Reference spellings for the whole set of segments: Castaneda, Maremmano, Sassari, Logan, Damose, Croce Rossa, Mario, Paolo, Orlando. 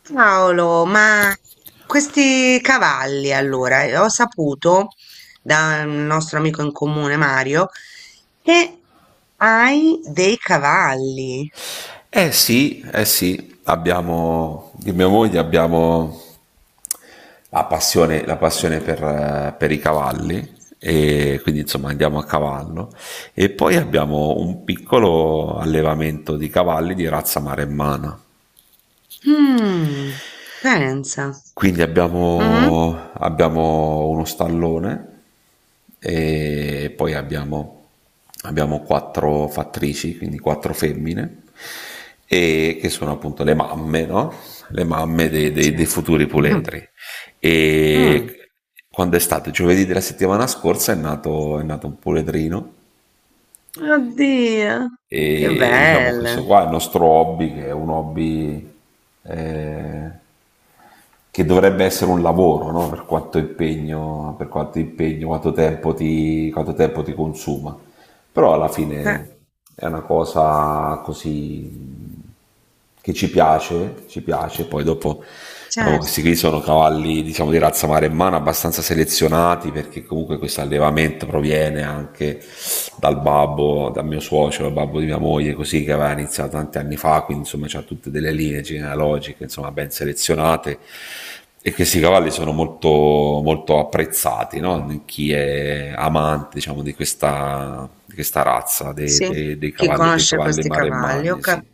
Paolo, ma questi cavalli allora, ho saputo da un nostro amico in comune, Mario, che hai dei cavalli. Sì, eh sì, abbiamo, di mia moglie abbiamo la passione per i cavalli e quindi insomma andiamo a cavallo e poi abbiamo un piccolo allevamento di cavalli di razza maremmana. Mm, pensa. Quindi Mhm. abbiamo uno stallone e poi abbiamo quattro fattrici, quindi quattro femmine, e che sono appunto le mamme, no? Le mamme dei, dei- Cioè, dei futuri mhm, puledri. mm, E quando è stato giovedì della settimana scorsa è nato un puledrino Oddio, che e diciamo bello. questo qua è il nostro hobby, che è un hobby eh, che dovrebbe essere un lavoro, no? Per quanto impegno, quanto tempo ti consuma. Però alla Eh, fine è una cosa così che ci piace, poi dopo diciamo, questi certo, qui sono cavalli diciamo, di razza maremmana abbastanza selezionati perché comunque questo allevamento proviene anche dal babbo, dal mio suocero, dal babbo di mia moglie, così che aveva iniziato tanti anni fa, quindi insomma c'ha tutte delle linee genealogiche insomma, ben selezionate e questi cavalli sono molto, molto apprezzati, no? Chi è amante diciamo, di questa razza dei, sì. dei- dei Chi cavalli, dei conosce cavalli questi cavalli? Maremmani. Sì.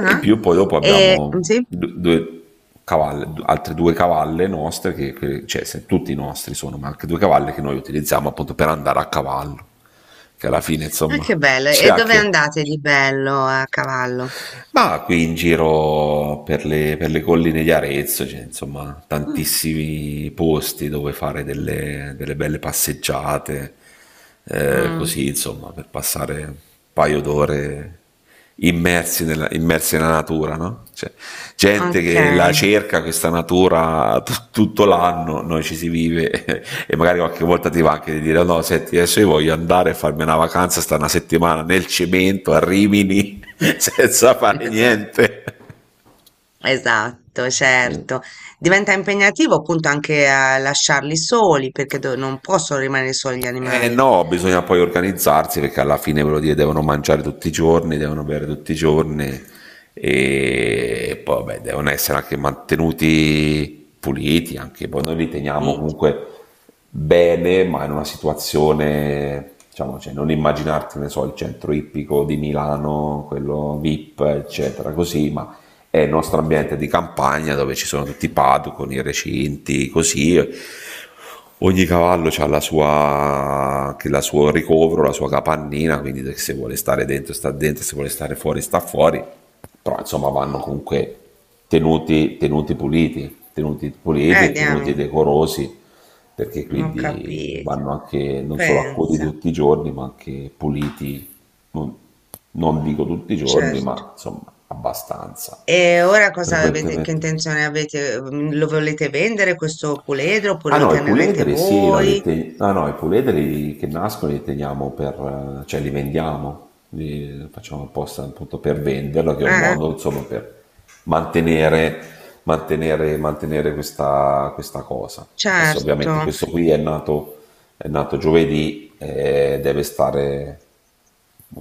E in ah. più poi dopo E, abbiamo sì? due cavalle, altre due cavalle nostre, cioè tutti i nostri sono, ma anche due cavalle che noi utilizziamo appunto per andare a cavallo, che alla fine Ah, che insomma bello. c'è E dove anche, andate di bello a cavallo? ma qui in giro per le colline di Arezzo c'è insomma Mm. tantissimi posti dove fare delle, delle belle passeggiate, Mm, così insomma per passare un paio d'ore immersi nella natura, no? Cioè, gente ok. che la cerca questa natura t- tutto l'anno, noi ci si vive e magari qualche volta ti va anche di dire no, senti, adesso io voglio andare a farmi una vacanza, sta una settimana nel cemento a Rimini senza fare Esatto. niente. Esatto, certo. Diventa impegnativo appunto anche a lasciarli soli perché non possono rimanere soli gli Eh animali. no, bisogna poi organizzarsi perché alla fine ve lo dire, devono mangiare tutti i giorni, devono bere tutti i giorni e poi beh, devono essere anche mantenuti puliti, anche poi noi li teniamo Sì. comunque bene, ma in una situazione, diciamo, cioè, non immaginarti, ne so, il centro ippico di Milano, quello VIP, eccetera, così, ma è il nostro ambiente di campagna dove ci sono tutti i padu con i recinti, così. Ogni cavallo ha la sua, che la suo ricovero, la sua capannina, quindi se vuole stare dentro sta dentro, se vuole stare fuori sta fuori, però insomma vanno comunque tenuti, tenuti puliti e tenuti Diamine, decorosi, perché non ho quindi capito. vanno anche non solo accuditi Pensa, tutti i giorni, ma anche puliti, non, non dico tutti i giorni, certo. ma insomma abbastanza E ora cosa avete, che frequentemente. intenzione avete? Lo volete vendere questo puledro oppure Ah lo no, i tenerete puledri sì, no, voi? li te- ah, no, i puledri che nascono li teniamo per, cioè li vendiamo, li facciamo apposta appunto per Eh? venderlo, che è un Eh. modo insomma per mantenere, mantenere questa cosa. Adesso Certo, ovviamente con questo qui è nato giovedì e deve stare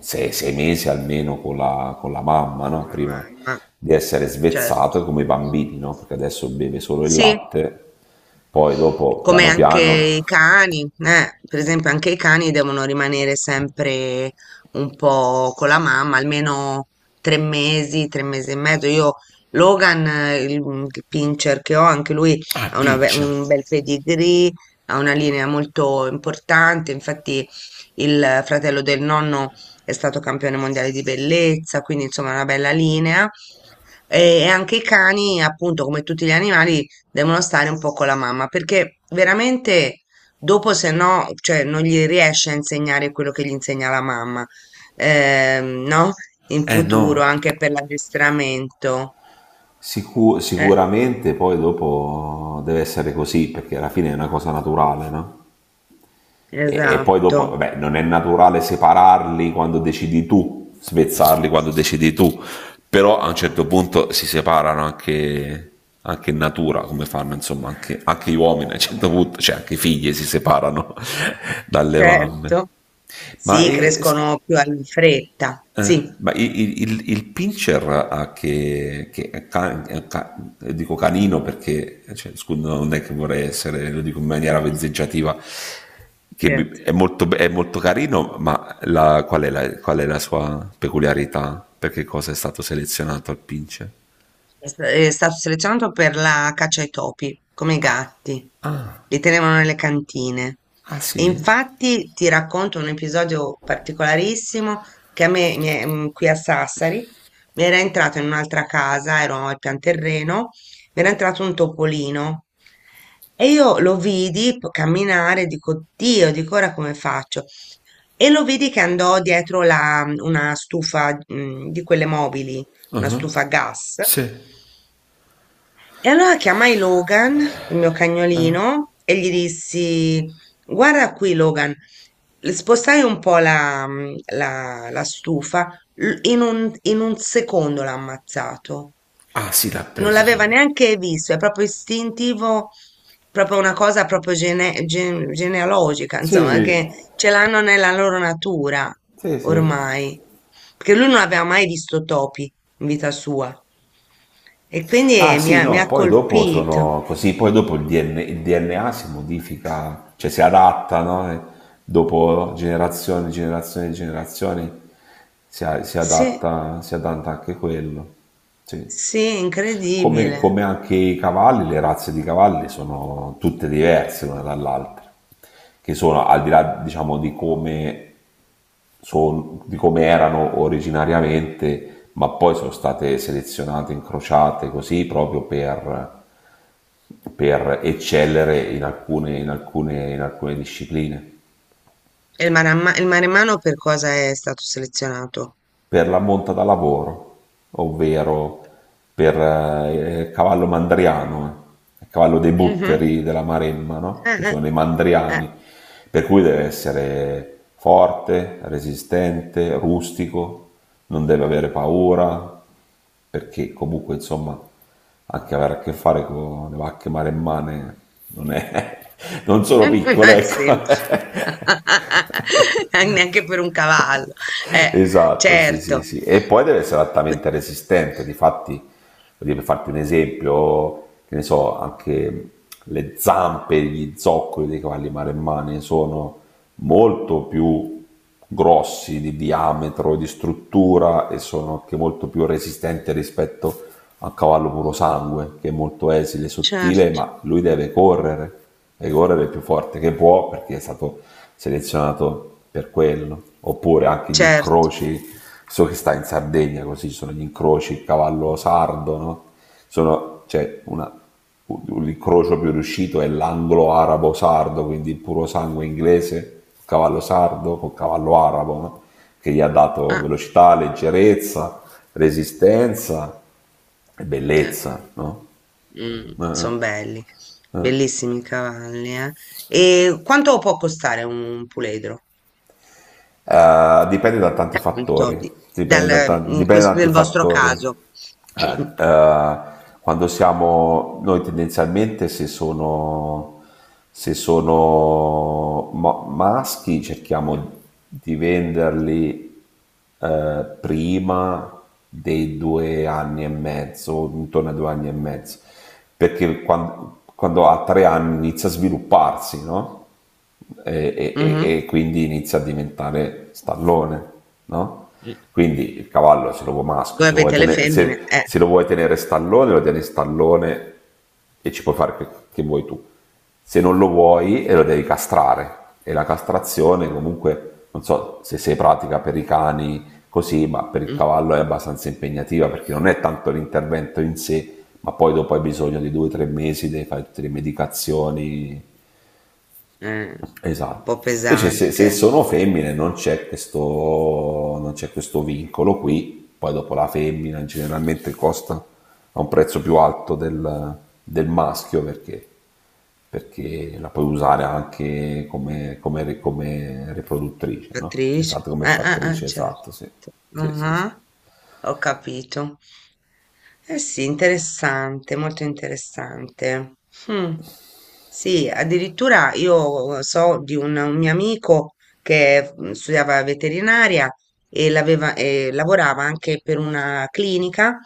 sei mesi almeno con la, mamma, no? la Prima mamma, di essere svezzato certo. come i bambini, no? Perché adesso beve solo il Sì. latte, poi dopo Come piano anche piano. i cani, per esempio anche i cani devono rimanere sempre un po' con la mamma, almeno 3 mesi, 3 mesi e mezzo. Io, Logan, il pincher che ho, anche lui Ah, ha una be- pince. un bel pedigree, ha una linea molto importante, infatti il fratello del nonno è stato campione mondiale di bellezza, quindi insomma una bella linea. E anche i cani, appunto, come tutti gli animali, devono stare un po' con la mamma perché veramente dopo se no, cioè non gli riesce a insegnare quello che gli insegna la mamma, no? In Eh futuro no. anche per l'addestramento. Sicu- Eh, sicuramente poi dopo deve essere così, perché alla fine è una cosa naturale, no? E poi dopo, esatto, vabbè, non è naturale separarli quando decidi tu, svezzarli quando decidi tu, però a un certo punto si separano anche, anche in natura, come fanno insomma anche, anche gli uomini a un certo punto, cioè anche i figli si separano dalle mamme. certo. Ma Sì, e, crescono più in fretta. eh, Sì, ma il pincher ha che dico canino perché cioè, scusa, non è che vorrei essere, lo dico in maniera vezzeggiativa, certo. è molto carino, ma qual è la sua peculiarità? Per che cosa è stato selezionato il pincher? È stato selezionato per la caccia ai topi, come i gatti. Li tenevano nelle cantine. Ah E sì? infatti ti racconto un episodio particolarissimo che a me, qui a Sassari, mi era entrato in un'altra casa, ero al pian terreno, mi era entrato un topolino. E io lo vidi camminare, dico, Dio, dico ora come faccio? E lo vidi che andò dietro una stufa, di quelle mobili, una stufa a gas. Sì. E allora chiamai Logan, il mio cagnolino, e gli dissi: Guarda qui, Logan, spostai un po' la stufa, in un secondo l'ha ammazzato. Ah sì, l'ha Non preso l'aveva subito. neanche visto, è proprio istintivo, proprio una cosa proprio genealogica, Sì, insomma, che sì, ce l'hanno nella loro natura sì, sì. ormai. Perché lui non aveva mai visto topi, in vita sua. E quindi Ah mi sì, ha, mi no, ha poi dopo colpito. sono così, poi dopo il DNA si modifica, cioè si adatta, no? E dopo generazioni, generazioni, generazioni si Sì, adatta, si adatta anche quello. Sì. sì, Come, incredibile. come anche i cavalli, le razze di cavalli sono tutte diverse l'una dall'altra, che sono al di là, diciamo, di come erano originariamente, ma poi sono state selezionate, incrociate così proprio per eccellere in alcune discipline. E il Maremmano per cosa è stato selezionato? Per la monta da lavoro, ovvero per il cavallo mandriano, il cavallo dei Mhm. butteri della Maremma, no? Eh, Che eh, sono i eh. mandriani, per cui deve essere forte, resistente, rustico, non deve avere paura, perché comunque insomma anche avere a che fare con le vacche maremmane non, è, non sono Non piccole, è semplice. ecco. Neanche per un cavallo. Eh, Esatto, sì, sì, certo, sì. E poi deve essere altamente resistente. Difatti, voglio dire, per farti un esempio, che ne so, anche le zampe, gli zoccoli dei cavalli maremmani sono molto più grossi di diametro, di struttura e sono anche molto più resistenti rispetto a cavallo puro sangue, che è molto esile, sottile, certo, ma lui deve correre il più forte che può perché è stato selezionato per quello. Oppure anche gli certo. incroci, so che sta in Sardegna così, ci sono gli incroci, il cavallo sardo, no? Sono, cioè, una, l'incrocio più riuscito è l'anglo-arabo-sardo, quindi il puro sangue inglese, cavallo sardo con cavallo arabo, no? Che gli ha dato Ah, velocità, leggerezza, resistenza, bellezza, no? Eh, eh. sono belli, Eh, bellissimi i cavalli, eh. E quanto può costare un puledro? Eh, dipende da tanti Appunto, fattori, dipende da, dal, tan- dipende da tanti nel vostro fattori. caso. Eh, eh, quando siamo noi tendenzialmente se sono maschi cerchiamo di venderli prima dei due anni e mezzo, intorno ai due anni e mezzo, perché quando, ha 3 anni inizia a svilupparsi, no? e, e- Mhm. e quindi inizia a diventare stallone, no? Quindi il cavallo se lo vuoi maschio, Voi se lo vuoi avete le tenere, femmine, se, se lo vuoi tenere stallone, lo tieni stallone e ci puoi fare che vuoi tu. Se non lo vuoi, e lo devi castrare. E la castrazione comunque, non so se sei pratica per i cani così, ma per il mm, cavallo è abbastanza impegnativa perché non è tanto l'intervento in sé, ma poi dopo hai bisogno di 2 o 3 mesi, devi fare tutte le medicazioni. eh, un Esatto. po' Invece se, se pesante. sono femmine non c'è, questo, non c'è questo vincolo qui, poi dopo la femmina generalmente costa a un prezzo più alto del, del maschio perché, perché la puoi usare anche come, come- come riproduttrice, no? Attrice? Esatto, come fattrice, Certo. esatto, sì. Sì, sì, sì. Ah, ho capito. Eh sì, interessante, molto interessante. Hmm. Sì, addirittura io so di un mio amico che studiava veterinaria e, e lavorava anche per una clinica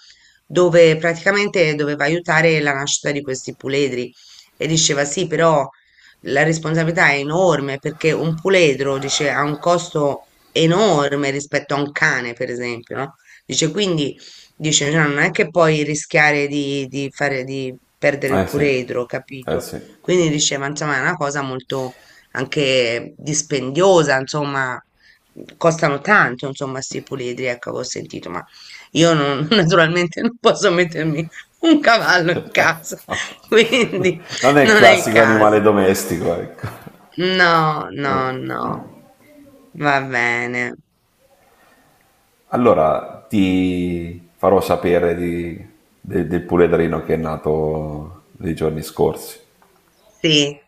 dove praticamente doveva aiutare la nascita di questi puledri e diceva sì, però la responsabilità è enorme perché un puledro, dice, ha un costo enorme rispetto a un cane, per esempio, no? Dice, quindi, dice, "no, non è che puoi rischiare di fare, di perdere il Eh sì, puledro, eh capito? sì. Quindi diceva, insomma, è una cosa molto anche dispendiosa, insomma, costano tanto, insomma, sti puledri, ecco, avevo sentito, ma io non, naturalmente non posso mettermi un cavallo in casa, quindi Non è il non è il classico animale caso. domestico, ecco. No, no, no. Va bene. Allora ti farò sapere di- de- del puledrino che è nato nei giorni scorsi. Sì.